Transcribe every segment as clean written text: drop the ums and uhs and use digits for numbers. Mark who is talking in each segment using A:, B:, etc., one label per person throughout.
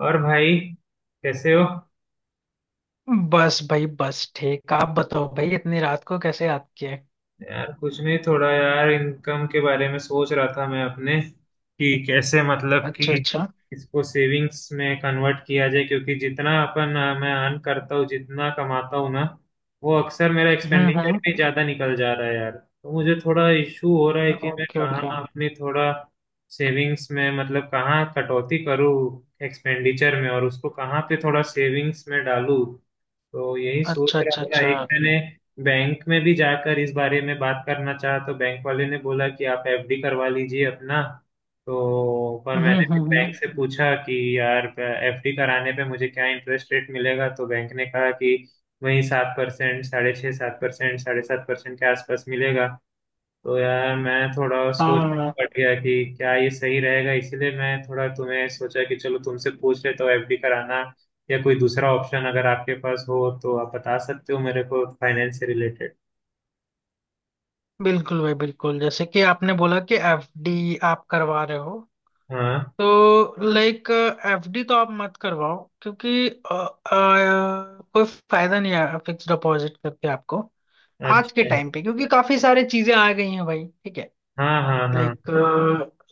A: और भाई, कैसे हो?
B: बस भाई बस ठीक। आप बताओ भाई इतनी रात को कैसे याद किए?
A: यार कुछ नहीं, थोड़ा यार इनकम के बारे में सोच रहा था मैं अपने, कि कैसे मतलब कि
B: अच्छा अच्छा।
A: इसको सेविंग्स में कन्वर्ट किया जाए, क्योंकि जितना अपन मैं अर्न करता हूँ, जितना कमाता हूँ ना, वो अक्सर मेरा एक्सपेंडिचर
B: हम्म।
A: भी ज्यादा निकल जा रहा है यार। तो मुझे थोड़ा इशू हो रहा है कि मैं
B: ओके
A: कहाँ
B: ओके।
A: अपनी थोड़ा सेविंग्स में मतलब कहाँ कटौती करूँ एक्सपेंडिचर में और उसको कहाँ पे थोड़ा सेविंग्स में डालूँ। तो यही सोच
B: अच्छा
A: रहा
B: अच्छा
A: था।
B: अच्छा।
A: एक मैंने बैंक में भी जाकर इस बारे में बात करना चाहा, तो बैंक वाले ने बोला कि आप एफडी करवा लीजिए अपना। तो पर मैंने फिर बैंक
B: हम्म।
A: से पूछा कि यार एफडी कराने पे मुझे क्या इंटरेस्ट रेट मिलेगा, तो बैंक ने कहा कि वही 7%, साढ़े छः सात परसेंट, 7.5% के आसपास मिलेगा। तो यार मैं थोड़ा सोच में
B: हाँ।
A: पड़ गया कि क्या ये सही रहेगा, इसीलिए मैं थोड़ा तुम्हें सोचा कि चलो तुमसे पूछ लेता हूँ, एफडी कराना या कोई दूसरा ऑप्शन अगर आपके पास हो तो आप बता सकते हो मेरे को फाइनेंस से रिलेटेड।
B: बिल्कुल भाई बिल्कुल। जैसे कि आपने बोला कि एफडी आप करवा रहे हो
A: हाँ।
B: तो लाइक एफडी तो आप मत करवाओ क्योंकि कोई फायदा नहीं है फिक्स डिपॉजिट करके आपको आज के
A: अच्छा।
B: टाइम पे। क्योंकि काफी सारी चीजें आ गई हैं भाई। ठीक है।
A: हाँ हाँ हाँ
B: लाइक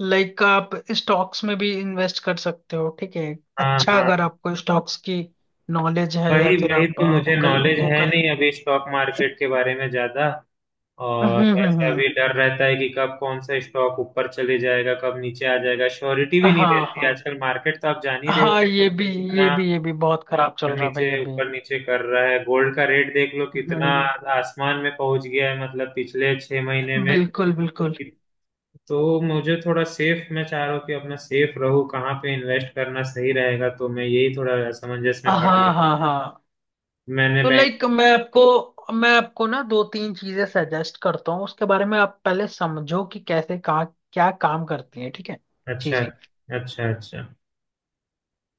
B: लाइक आप स्टॉक्स में भी इन्वेस्ट कर सकते हो। ठीक है।
A: हाँ
B: अच्छा
A: हाँ।
B: अगर आपको स्टॉक्स की नॉलेज है या
A: वही
B: फिर
A: वही
B: आप
A: तो मुझे
B: गूगल
A: नॉलेज है
B: गूगल।
A: नहीं अभी स्टॉक मार्केट के बारे में ज्यादा। और वैसे
B: हम्म।
A: अभी डर रहता है कि कब कौन सा स्टॉक ऊपर चले जाएगा, कब नीचे आ जाएगा, श्योरिटी भी नहीं
B: हाँ
A: रहती
B: हाँ
A: आजकल मार्केट, तो आप जान ही रहे हो
B: हाँ ये भी। ये
A: कितना
B: भी ये भी बहुत खराब चल रहा है भाई अभी।
A: ऊपर नीचे कर रहा है। गोल्ड का रेट देख लो, कितना
B: हम्म।
A: आसमान में पहुंच गया है, मतलब पिछले 6 महीने में।
B: बिल्कुल बिल्कुल।
A: तो मुझे थोड़ा सेफ मैं चाह रहा हूँ कि अपना सेफ रहूँ, कहाँ पे इन्वेस्ट करना सही रहेगा, तो मैं यही थोड़ा असमंजस में पड़
B: हाँ
A: गया।
B: हाँ हाँ।
A: मैंने
B: तो
A: बैंक।
B: लाइक मैं आपको ना दो तीन चीजें सजेस्ट करता हूँ उसके बारे में आप पहले समझो कि कैसे कहाँ क्या काम करती है। ठीक है।
A: अच्छा
B: चीजें।
A: अच्छा अच्छा।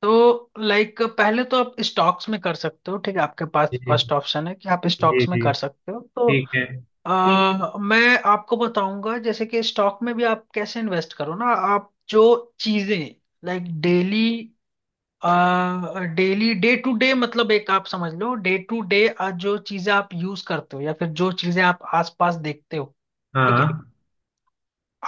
B: तो लाइक पहले तो आप स्टॉक्स में कर सकते हो। ठीक है। आपके पास
A: जी
B: फर्स्ट ऑप्शन है कि आप
A: जी
B: स्टॉक्स में
A: जी।
B: कर सकते हो। तो
A: ठीक है।
B: मैं आपको बताऊंगा जैसे कि स्टॉक में भी आप कैसे इन्वेस्ट करो ना। आप जो चीजें like daily daily day to day मतलब एक आप समझ लो डे टू डे जो चीजें आप यूज करते हो या फिर जो चीजें आप आसपास देखते हो। ठीक
A: हाँ
B: है।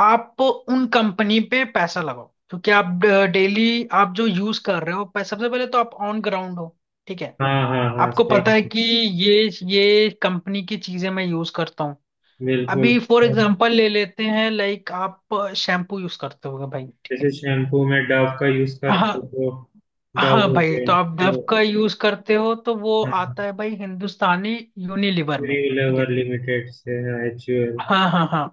B: आप उन कंपनी पे पैसा लगाओ क्योंकि आप डेली आप जो यूज कर रहे हो सबसे पहले तो आप ऑन ग्राउंड हो। ठीक है।
A: हाँ हाँ हाँ।
B: आपको पता
A: सही
B: है
A: है।
B: कि ये ये कंपनी की चीजें मैं यूज करता हूँ।
A: बिल्कुल।
B: अभी फॉर
A: और
B: एग्जांपल ले लेते हैं। लाइक आप शैम्पू यूज करते होगे भाई। ठीक है।
A: जैसे शैम्पू में डव का यूज
B: हाँ
A: करते हो, तो डव
B: हाँ
A: हो
B: भाई तो
A: गया।
B: आप डव
A: जो
B: का यूज करते हो तो वो आता है भाई हिंदुस्तानी यूनिलीवर में। ठीक
A: लेवर
B: है।
A: लिमिटेड से है, HUL।
B: हाँ
A: तो
B: हाँ हाँ।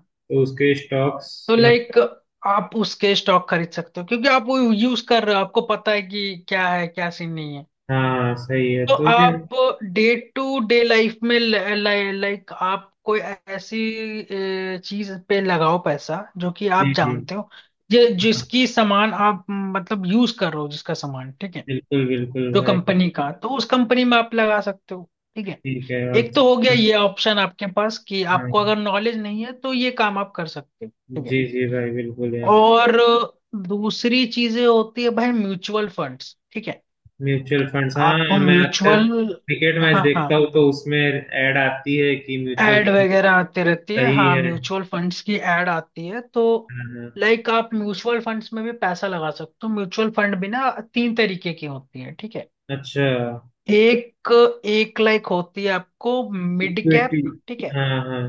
A: उसके स्टॉक्स
B: तो
A: मत।
B: लाइक आप उसके स्टॉक खरीद सकते हो क्योंकि आप वो यूज कर रहे हो। आपको पता है कि क्या है क्या सीन नहीं है।
A: हाँ सही है।
B: तो
A: तो ये।
B: आप डे टू डे लाइफ में लाइक आप कोई ऐसी चीज पे लगाओ पैसा जो कि आप
A: जी जी।
B: जानते हो
A: हाँ।
B: जिसकी सामान आप मतलब यूज कर रहे हो जिसका सामान। ठीक है।
A: बिल्कुल बिल्कुल
B: जो
A: भाई।
B: कंपनी का तो उस कंपनी में आप लगा सकते हो। ठीक है।
A: ठीक है। और
B: एक तो हो गया
A: दूसरा?
B: ये ऑप्शन आपके पास कि
A: हाँ।
B: आपको अगर नॉलेज नहीं है तो ये काम आप कर सकते हो। ठीक है।
A: जी जी भाई, बिल्कुल यार।
B: और दूसरी चीजें होती है भाई म्यूचुअल फंड्स। ठीक है।
A: म्यूचुअल फंड्स, हाँ।
B: आप
A: मैं अक्सर
B: म्यूचुअल।
A: क्रिकेट मैच
B: हाँ हाँ
A: देखता हूँ, तो उसमें ऐड आती है कि म्यूचुअल।
B: एड वगैरह आती रहती है।
A: सही
B: हाँ
A: है।
B: म्यूचुअल फंड्स की एड आती है। तो
A: हाँ हाँ।
B: लाइक आप म्यूचुअल फंड्स में भी पैसा लगा सकते हो। म्यूचुअल फंड भी ना तीन तरीके की होती है। ठीक है।
A: अच्छा।
B: एक एक लाइक होती है आपको मिड कैप।
A: इक्विटी।
B: ठीक है।
A: हाँ हाँ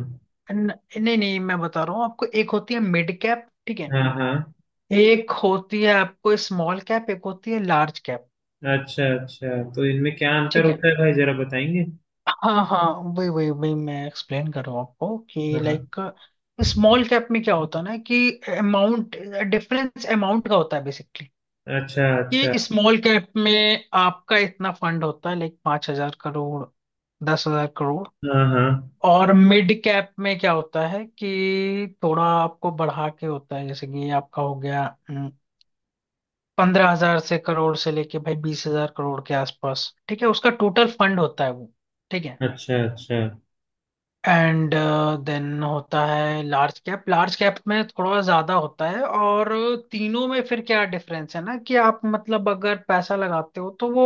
B: नहीं नहीं मैं बता रहा हूँ आपको। एक होती है मिड कैप। ठीक है।
A: हाँ हाँ।
B: एक होती है आपको स्मॉल कैप, एक होती है लार्ज कैप।
A: अच्छा अच्छा। तो इनमें क्या अंतर
B: ठीक है।
A: होता है भाई, जरा बताएंगे?
B: हाँ हाँ। वही वही वही मैं एक्सप्लेन कर रहा हूँ आपको कि
A: हाँ हाँ।
B: लाइक स्मॉल कैप में क्या होता है ना कि अमाउंट डिफरेंस अमाउंट का होता है बेसिकली।
A: अच्छा अच्छा।
B: कि स्मॉल कैप में आपका इतना फंड होता है लाइक 5,000 करोड़, 10,000 करोड़।
A: हाँ हाँ।
B: और मिड कैप में क्या होता है कि थोड़ा आपको बढ़ा के होता है जैसे कि आपका हो गया हम्म, 15,000 से करोड़ से लेके भाई 20,000 करोड़ के आसपास। ठीक है। उसका टोटल फंड होता है वो। ठीक है।
A: अच्छा अच्छा।
B: एंड देन होता है लार्ज कैप। लार्ज कैप में थोड़ा ज्यादा होता है। और तीनों में फिर क्या डिफरेंस है ना कि आप मतलब अगर पैसा लगाते हो तो वो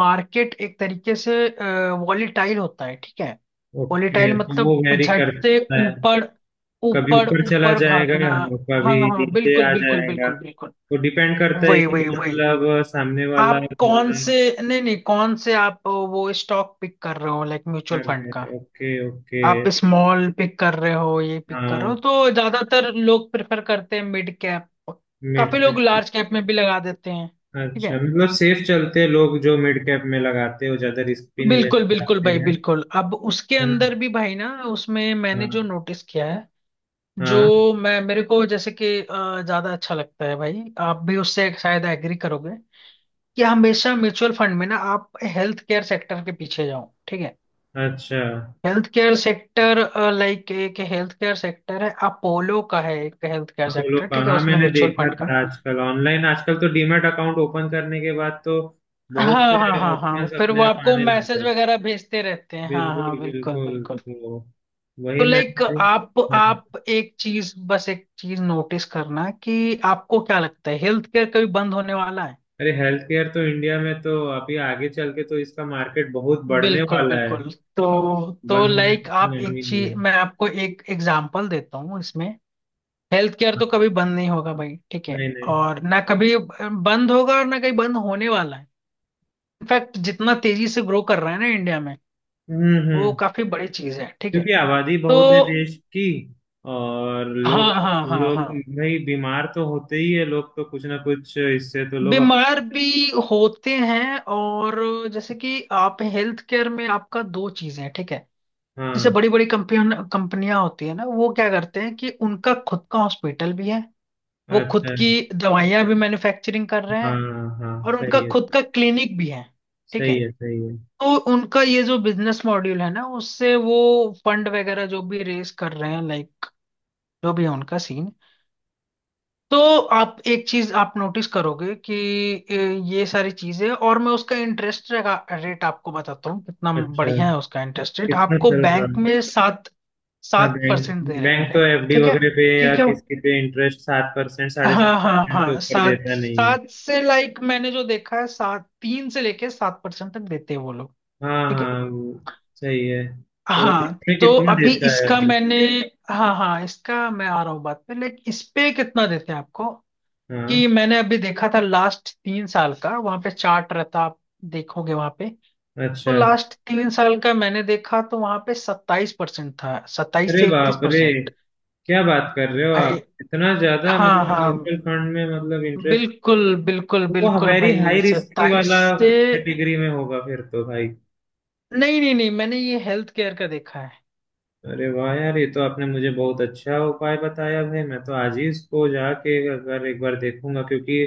B: मार्केट एक तरीके से वॉलीटाइल होता है। ठीक है।
A: ओके,
B: वॉलीटाइल
A: तो वो
B: मतलब
A: वेरी
B: झट से
A: करता है।
B: ऊपर
A: कभी
B: ऊपर
A: ऊपर चला
B: ऊपर
A: जाएगा
B: भागना।
A: और
B: हाँ
A: कभी
B: हाँ
A: नीचे आ
B: बिल्कुल बिल्कुल
A: जाएगा।
B: बिल्कुल बिल्कुल।
A: वो डिपेंड करता है
B: वही
A: कि
B: वही वही
A: मतलब सामने वाला
B: आप कौन
A: बंदा।
B: से। नहीं नहीं कौन से आप वो स्टॉक पिक कर रहे हो लाइक म्यूचुअल
A: कर
B: फंड
A: रहे
B: का।
A: हैं। Okay okay.
B: आप स्मॉल पिक कर रहे हो ये पिक कर रहे
A: हाँ,
B: हो तो ज्यादातर लोग प्रेफर करते हैं मिड कैप।
A: मिड
B: काफी लोग
A: कैप।
B: लार्ज कैप में भी लगा देते हैं। ठीक
A: अच्छा,
B: है।
A: मतलब सेफ चलते हैं लोग, जो मिड कैप में लगाते हैं वो ज्यादा रिस्क भी नहीं लेना
B: बिल्कुल बिल्कुल
A: चाहते
B: भाई
A: हैं,
B: बिल्कुल। अब उसके
A: है
B: अंदर
A: ना?
B: भी भाई ना उसमें मैंने जो
A: हाँ
B: नोटिस किया है जो
A: हाँ।
B: मैं मेरे को जैसे कि ज्यादा अच्छा लगता है भाई आप भी उससे शायद एग्री करोगे कि हमेशा म्यूचुअल फंड में ना आप हेल्थ केयर सेक्टर के पीछे जाओ। ठीक है।
A: अच्छा।
B: Health care sector. लाइक एक हेल्थ केयर सेक्टर है अपोलो का है, एक हेल्थ केयर
A: अपोलो
B: सेक्टर।
A: का,
B: ठीक है।
A: हाँ,
B: उसमें
A: मैंने
B: म्यूचुअल
A: देखा
B: फंड का।
A: था आजकल ऑनलाइन, आजकल तो डीमैट अकाउंट ओपन करने के बाद तो बहुत
B: हाँ हाँ
A: से
B: हाँ हाँ
A: ऑप्शंस
B: फिर वो
A: अपने आप
B: आपको
A: आने
B: मैसेज
A: लग।
B: वगैरह भेजते रहते हैं। हाँ हाँ
A: बिल्कुल
B: बिल्कुल
A: बिल्कुल।
B: बिल्कुल।
A: तो
B: तो
A: वही मैं।
B: लाइक आप
A: हाँ,
B: आप एक चीज, बस एक चीज नोटिस करना कि आपको क्या लगता है हेल्थ केयर कभी बंद होने वाला है?
A: अरे हेल्थ केयर तो इंडिया में तो अभी आगे चल के तो इसका मार्केट बहुत बढ़ने
B: बिल्कुल
A: वाला है।
B: बिल्कुल। तो
A: बंद होने का
B: लाइक
A: तो
B: आप
A: नाम ही
B: एक
A: नहीं
B: चीज,
A: है।
B: मैं आपको एक एग्जांपल देता हूँ इसमें। हेल्थ केयर तो
A: हाँ,
B: कभी बंद नहीं होगा भाई। ठीक है।
A: नहीं नहीं।
B: और ना कभी बंद होगा और ना कहीं बंद होने वाला है। इनफैक्ट जितना तेजी से ग्रो कर रहा है ना इंडिया में, वो
A: हम्म।
B: काफी बड़ी चीज है। ठीक है।
A: क्योंकि आबादी
B: तो
A: बहुत है देश की और लोग,
B: हाँ हाँ हाँ हाँ।
A: लोग भाई बीमार तो होते ही है लोग, तो कुछ ना कुछ इससे तो लोग अपने।
B: बीमार भी होते हैं। और जैसे कि आप हेल्थ केयर में आपका दो चीजें हैं। ठीक है। जैसे
A: हाँ।
B: बड़ी बड़ी कंपनियां कंपनियां होती है ना, वो क्या करते हैं कि उनका खुद का हॉस्पिटल भी है, वो खुद
A: अच्छा।
B: की दवाइयां भी मैन्युफैक्चरिंग कर रहे हैं,
A: हाँ हाँ
B: और उनका
A: सही है
B: खुद का क्लिनिक भी है। ठीक है।
A: सही है। सही है।
B: तो उनका ये जो बिजनेस मॉड्यूल है ना, उससे वो फंड वगैरह जो भी रेस कर रहे हैं लाइक, जो भी है उनका सीन। तो आप एक चीज आप नोटिस करोगे कि ये सारी चीजें। और मैं उसका इंटरेस्ट रेट आपको बताता हूँ कितना
A: अच्छा।
B: बढ़िया है। उसका इंटरेस्ट रेट
A: कितना
B: आपको
A: चल रहा
B: बैंक
A: है?
B: में सात
A: हाँ
B: सात
A: बैंक।
B: परसेंट दे रहे
A: बैंक तो
B: थे।
A: एफडी
B: ठीक है।
A: वगैरह पे या
B: ठीक है।
A: किसी पे इंटरेस्ट 7% साढ़े सात
B: हाँ हाँ
A: परसेंट से
B: हाँ
A: ऊपर
B: सात
A: देता नहीं है।
B: सात से लाइक मैंने जो देखा है सात तीन से लेके सात परसेंट तक देते हैं वो लोग।
A: हाँ
B: ठीक है।
A: हाँ वो। सही है। तो
B: हाँ
A: इसमें
B: तो
A: कितना
B: अभी
A: देता है
B: इसका
A: एवरेज?
B: मैंने। हाँ हाँ इसका मैं आ रहा हूँ बात पे लाइक इस पे कितना देते हैं आपको,
A: हाँ।
B: कि मैंने अभी देखा था लास्ट 3 साल का वहां पे चार्ट रहता आप देखोगे वहां पे। तो
A: अच्छा।
B: लास्ट 3 साल का मैंने देखा तो वहां पे 27% था, सत्ताईस
A: अरे
B: से इकतीस
A: बाप रे।
B: परसेंट
A: क्या बात कर रहे हो
B: भाई
A: आप, इतना ज्यादा
B: हाँ
A: मतलब
B: हाँ
A: म्यूचुअल फंड में मतलब इंटरेस्ट?
B: बिल्कुल बिल्कुल
A: वो
B: बिल्कुल
A: वेरी
B: भाई
A: हाई रिस्की
B: सत्ताईस
A: वाला
B: से।
A: कैटेगरी में होगा फिर तो भाई।
B: नहीं नहीं नहीं मैंने ये हेल्थ केयर का देखा है।
A: अरे वाह यार, ये तो आपने मुझे बहुत अच्छा उपाय बताया भाई, मैं तो आज ही इसको जाके अगर एक बार देखूंगा, क्योंकि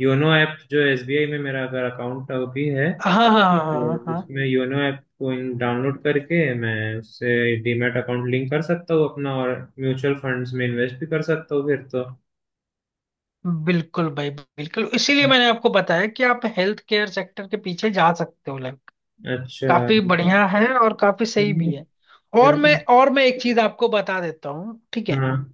A: योनो ऐप जो एसबीआई में मेरा अगर अकाउंट अभी है,
B: हाँ हाँ हाँ हाँ
A: तो
B: हाँ हाँ।
A: उसमें योनो ऐप को डाउनलोड करके मैं उससे डीमैट अकाउंट लिंक कर सकता हूँ अपना, और म्यूचुअल फंड्स में इन्वेस्ट भी कर सकता हूँ फिर तो।
B: बिल्कुल भाई बिल्कुल। इसीलिए मैंने आपको बताया कि आप हेल्थ केयर सेक्टर के पीछे जा सकते हो लाइक,
A: अच्छा।
B: काफी बढ़िया है और काफी सही
A: चलिए
B: भी है। और मैं
A: चलिए।
B: और मैं एक चीज आपको बता देता हूँ। ठीक है।
A: हाँ।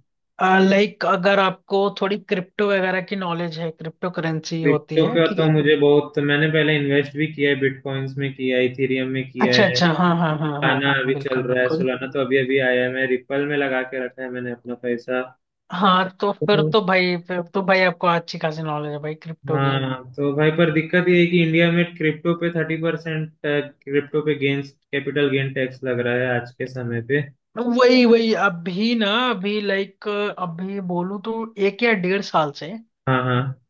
B: लाइक अगर आपको थोड़ी क्रिप्टो वगैरह की नॉलेज है, क्रिप्टो करेंसी होती
A: क्रिप्टो
B: है।
A: का
B: ठीक
A: तो
B: है।
A: मुझे बहुत, मैंने पहले इन्वेस्ट भी किया है, बिटकॉइंस में किया है, इथेरियम में किया
B: अच्छा
A: है।
B: अच्छा हाँ हाँ हाँ हाँ
A: गाना
B: हाँ
A: अभी चल
B: बिल्कुल
A: रहा है
B: बिल्कुल।
A: सुलाना, तो अभी अभी आया है, मैं रिपल में लगा के रखा है मैंने अपना पैसा।
B: हाँ तो
A: हम्म।
B: फिर तो भाई आपको अच्छी खासी नॉलेज है भाई क्रिप्टो की।
A: हाँ तो भाई, पर दिक्कत ये है कि इंडिया में क्रिप्टो पे 30% क्रिप्टो पे गेन्स कैपिटल गेन टैक्स लग रहा है आज के समय पे।
B: वही वही अभी ना अभी लाइक अभी बोलूं तो 1 या 1.5 साल से
A: हाँ हाँ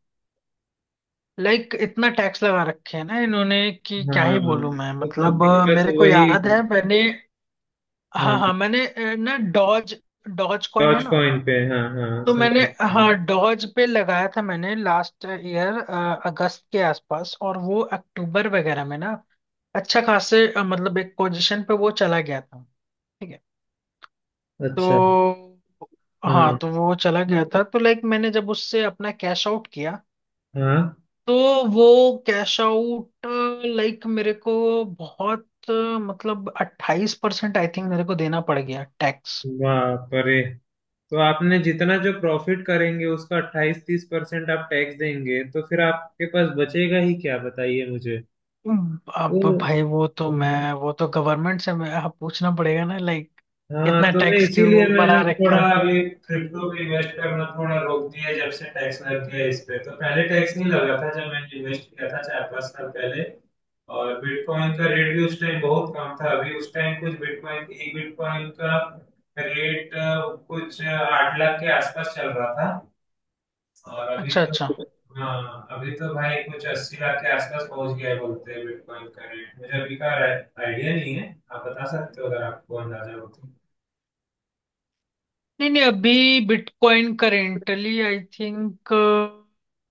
B: लाइक इतना टैक्स लगा रखे हैं ना इन्होंने कि क्या ही
A: हाँ।
B: बोलूं मैं।
A: तो
B: मतलब
A: दिक्कत
B: मेरे
A: तो
B: को
A: वही।
B: याद है मैंने।
A: हाँ,
B: हाँ हाँ मैंने अ, ना डॉज डॉज कॉइन है
A: डॉज
B: ना।
A: कॉइन पे, हाँ हाँ
B: तो
A: समझ
B: मैंने
A: गया।
B: हाँ डॉज पे लगाया था मैंने लास्ट ईयर अगस्त के आसपास, और वो अक्टूबर वगैरह में ना अच्छा खासे मतलब एक पोजीशन पे वो चला गया था। ठीक है।
A: अच्छा।
B: तो हाँ
A: हाँ
B: तो वो चला गया था तो लाइक मैंने जब उससे अपना कैश आउट किया
A: हाँ।
B: तो वो कैश आउट लाइक मेरे को बहुत मतलब 28% आई थिंक मेरे को देना पड़ गया टैक्स।
A: वाह परे। तो आपने जितना जो प्रॉफिट करेंगे उसका अट्ठाईस तीस परसेंट आप टैक्स देंगे, तो फिर आपके पास बचेगा ही क्या, बताइए मुझे।
B: अब
A: तो
B: भाई वो तो मैं वो तो गवर्नमेंट से मैं हाँ, पूछना पड़ेगा ना लाइक
A: हाँ,
B: इतना
A: तो मैं
B: टैक्स
A: इसीलिए
B: क्यों बढ़ा
A: मैंने
B: रखा
A: थोड़ा
B: है।
A: अभी क्रिप्टो पे इन्वेस्ट करना थोड़ा रोक दिया जब से टैक्स लग गया इस पे, तो पहले टैक्स नहीं लगा था जब मैंने इन्वेस्ट किया था 4-5 साल पहले। और बिटकॉइन का रेट भी उस टाइम बहुत कम था, अभी उस टाइम कुछ बिटकॉइन, एक बिटकॉइन का रेट कुछ 8 लाख के आसपास चल रहा था। और अभी
B: अच्छा अच्छा।
A: तो। हाँ, अभी तो भाई कुछ 80 लाख के आसपास पहुंच गया है बोलते हैं बिटकॉइन का रेट, मुझे अभी का आइडिया नहीं है, आप बता सकते हो अगर आपको अंदाजा हो तो।
B: नहीं नहीं अभी bitcoin currently I think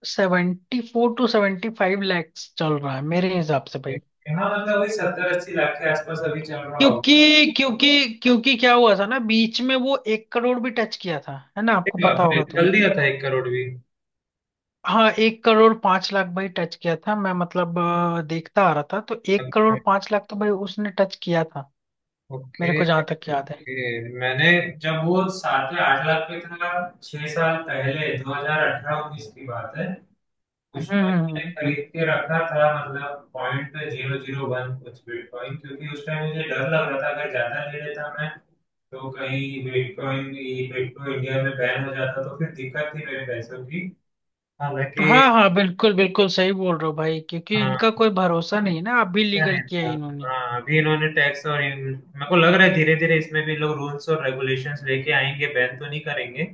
B: 74-75 lakh चल रहा है मेरे हिसाब से भाई।
A: हाँ मतलब वही 70-80 लाख के आसपास अभी चल रहा होगा।
B: क्योंकि क्योंकि क्योंकि क्या हुआ था ना बीच में वो 1 करोड़ भी टच किया था है ना,
A: अरे
B: आपको पता
A: बाप रे,
B: होगा। तो
A: जल्दी दिया था 1 करोड़ भी?
B: हाँ 1 करोड़ 5 लाख भाई टच किया था। मैं मतलब देखता आ रहा था तो एक करोड़
A: अच्छा।
B: पांच लाख तो भाई उसने टच किया था मेरे
A: ओके
B: को जहां तक याद है।
A: ओके। मैंने जब वो सात या 8 लाख पे था, 6 साल पहले, 2018-19 की बात है, उसमें मैंने
B: हम्म।
A: खरीद के रखा था, मतलब 0.001 कुछ बिटकॉइन, क्योंकि उस टाइम मुझे डर लग रहा था अगर ज्यादा ले लेता मैं, तो कहीं बिटकॉइन ये क्रिप्टो इंडिया में बैन हो जाता तो फिर दिक्कत थी मेरे पैसों की, हालांकि।
B: हाँ हाँ बिल्कुल बिल्कुल सही बोल रहे हो भाई क्योंकि
A: हाँ,
B: इनका कोई भरोसा नहीं है ना। अभी
A: अच्छा
B: लीगल
A: नहीं
B: किया
A: था।
B: है इन्होंने।
A: हाँ, अभी इन्होंने टैक्स और इन, मेरे को लग रहा है धीरे धीरे इसमें भी लोग रूल्स और रेगुलेशंस लेके आएंगे, बैन तो नहीं करेंगे,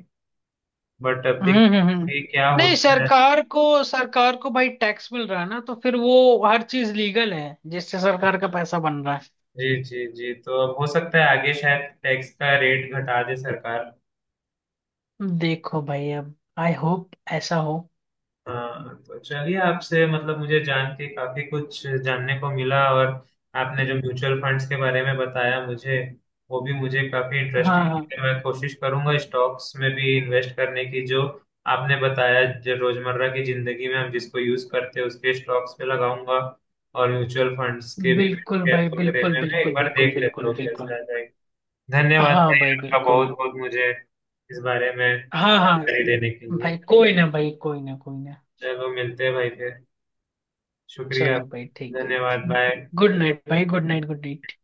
A: बट अब
B: हम्म
A: देखते
B: हम्म हम्म।
A: हैं कि क्या
B: नहीं
A: होता है।
B: सरकार को सरकार को भाई टैक्स मिल रहा है ना तो फिर वो हर चीज लीगल है जिससे सरकार का पैसा बन रहा है।
A: जी जी जी। तो अब हो सकता है आगे शायद टैक्स का रेट घटा दे सरकार।
B: देखो भाई अब आई होप ऐसा हो।
A: हाँ, तो चलिए, आपसे मतलब मुझे जान के काफी कुछ जानने को मिला, और आपने जो म्यूचुअल फंड्स के बारे में बताया मुझे, वो भी मुझे काफी
B: हाँ हाँ
A: इंटरेस्टिंग, मैं कोशिश करूंगा स्टॉक्स में भी इन्वेस्ट करने की, जो आपने बताया जो रोजमर्रा की जिंदगी में हम जिसको यूज करते हैं उसके स्टॉक्स पे लगाऊंगा, और म्यूचुअल फंड्स के भी
B: बिल्कुल भाई
A: शेयर
B: बिल्कुल
A: वगैरह में मैं एक
B: बिल्कुल
A: बार
B: बिल्कुल
A: देख लेता
B: बिल्कुल
A: हूँ कैसे
B: बिल्कुल।
A: आ जाएगा। धन्यवाद
B: हाँ
A: भाई,
B: भाई
A: आपका बहुत
B: बिल्कुल।
A: बहुत, मुझे इस बारे में
B: हाँ हाँ
A: जानकारी देने के लिए।
B: भाई कोई ना कोई ना।
A: चलो मिलते हैं भाई फिर। शुक्रिया,
B: चलो भाई ठीक है।
A: धन्यवाद, बाय।
B: गुड नाइट भाई गुड नाइट गुड नाइट।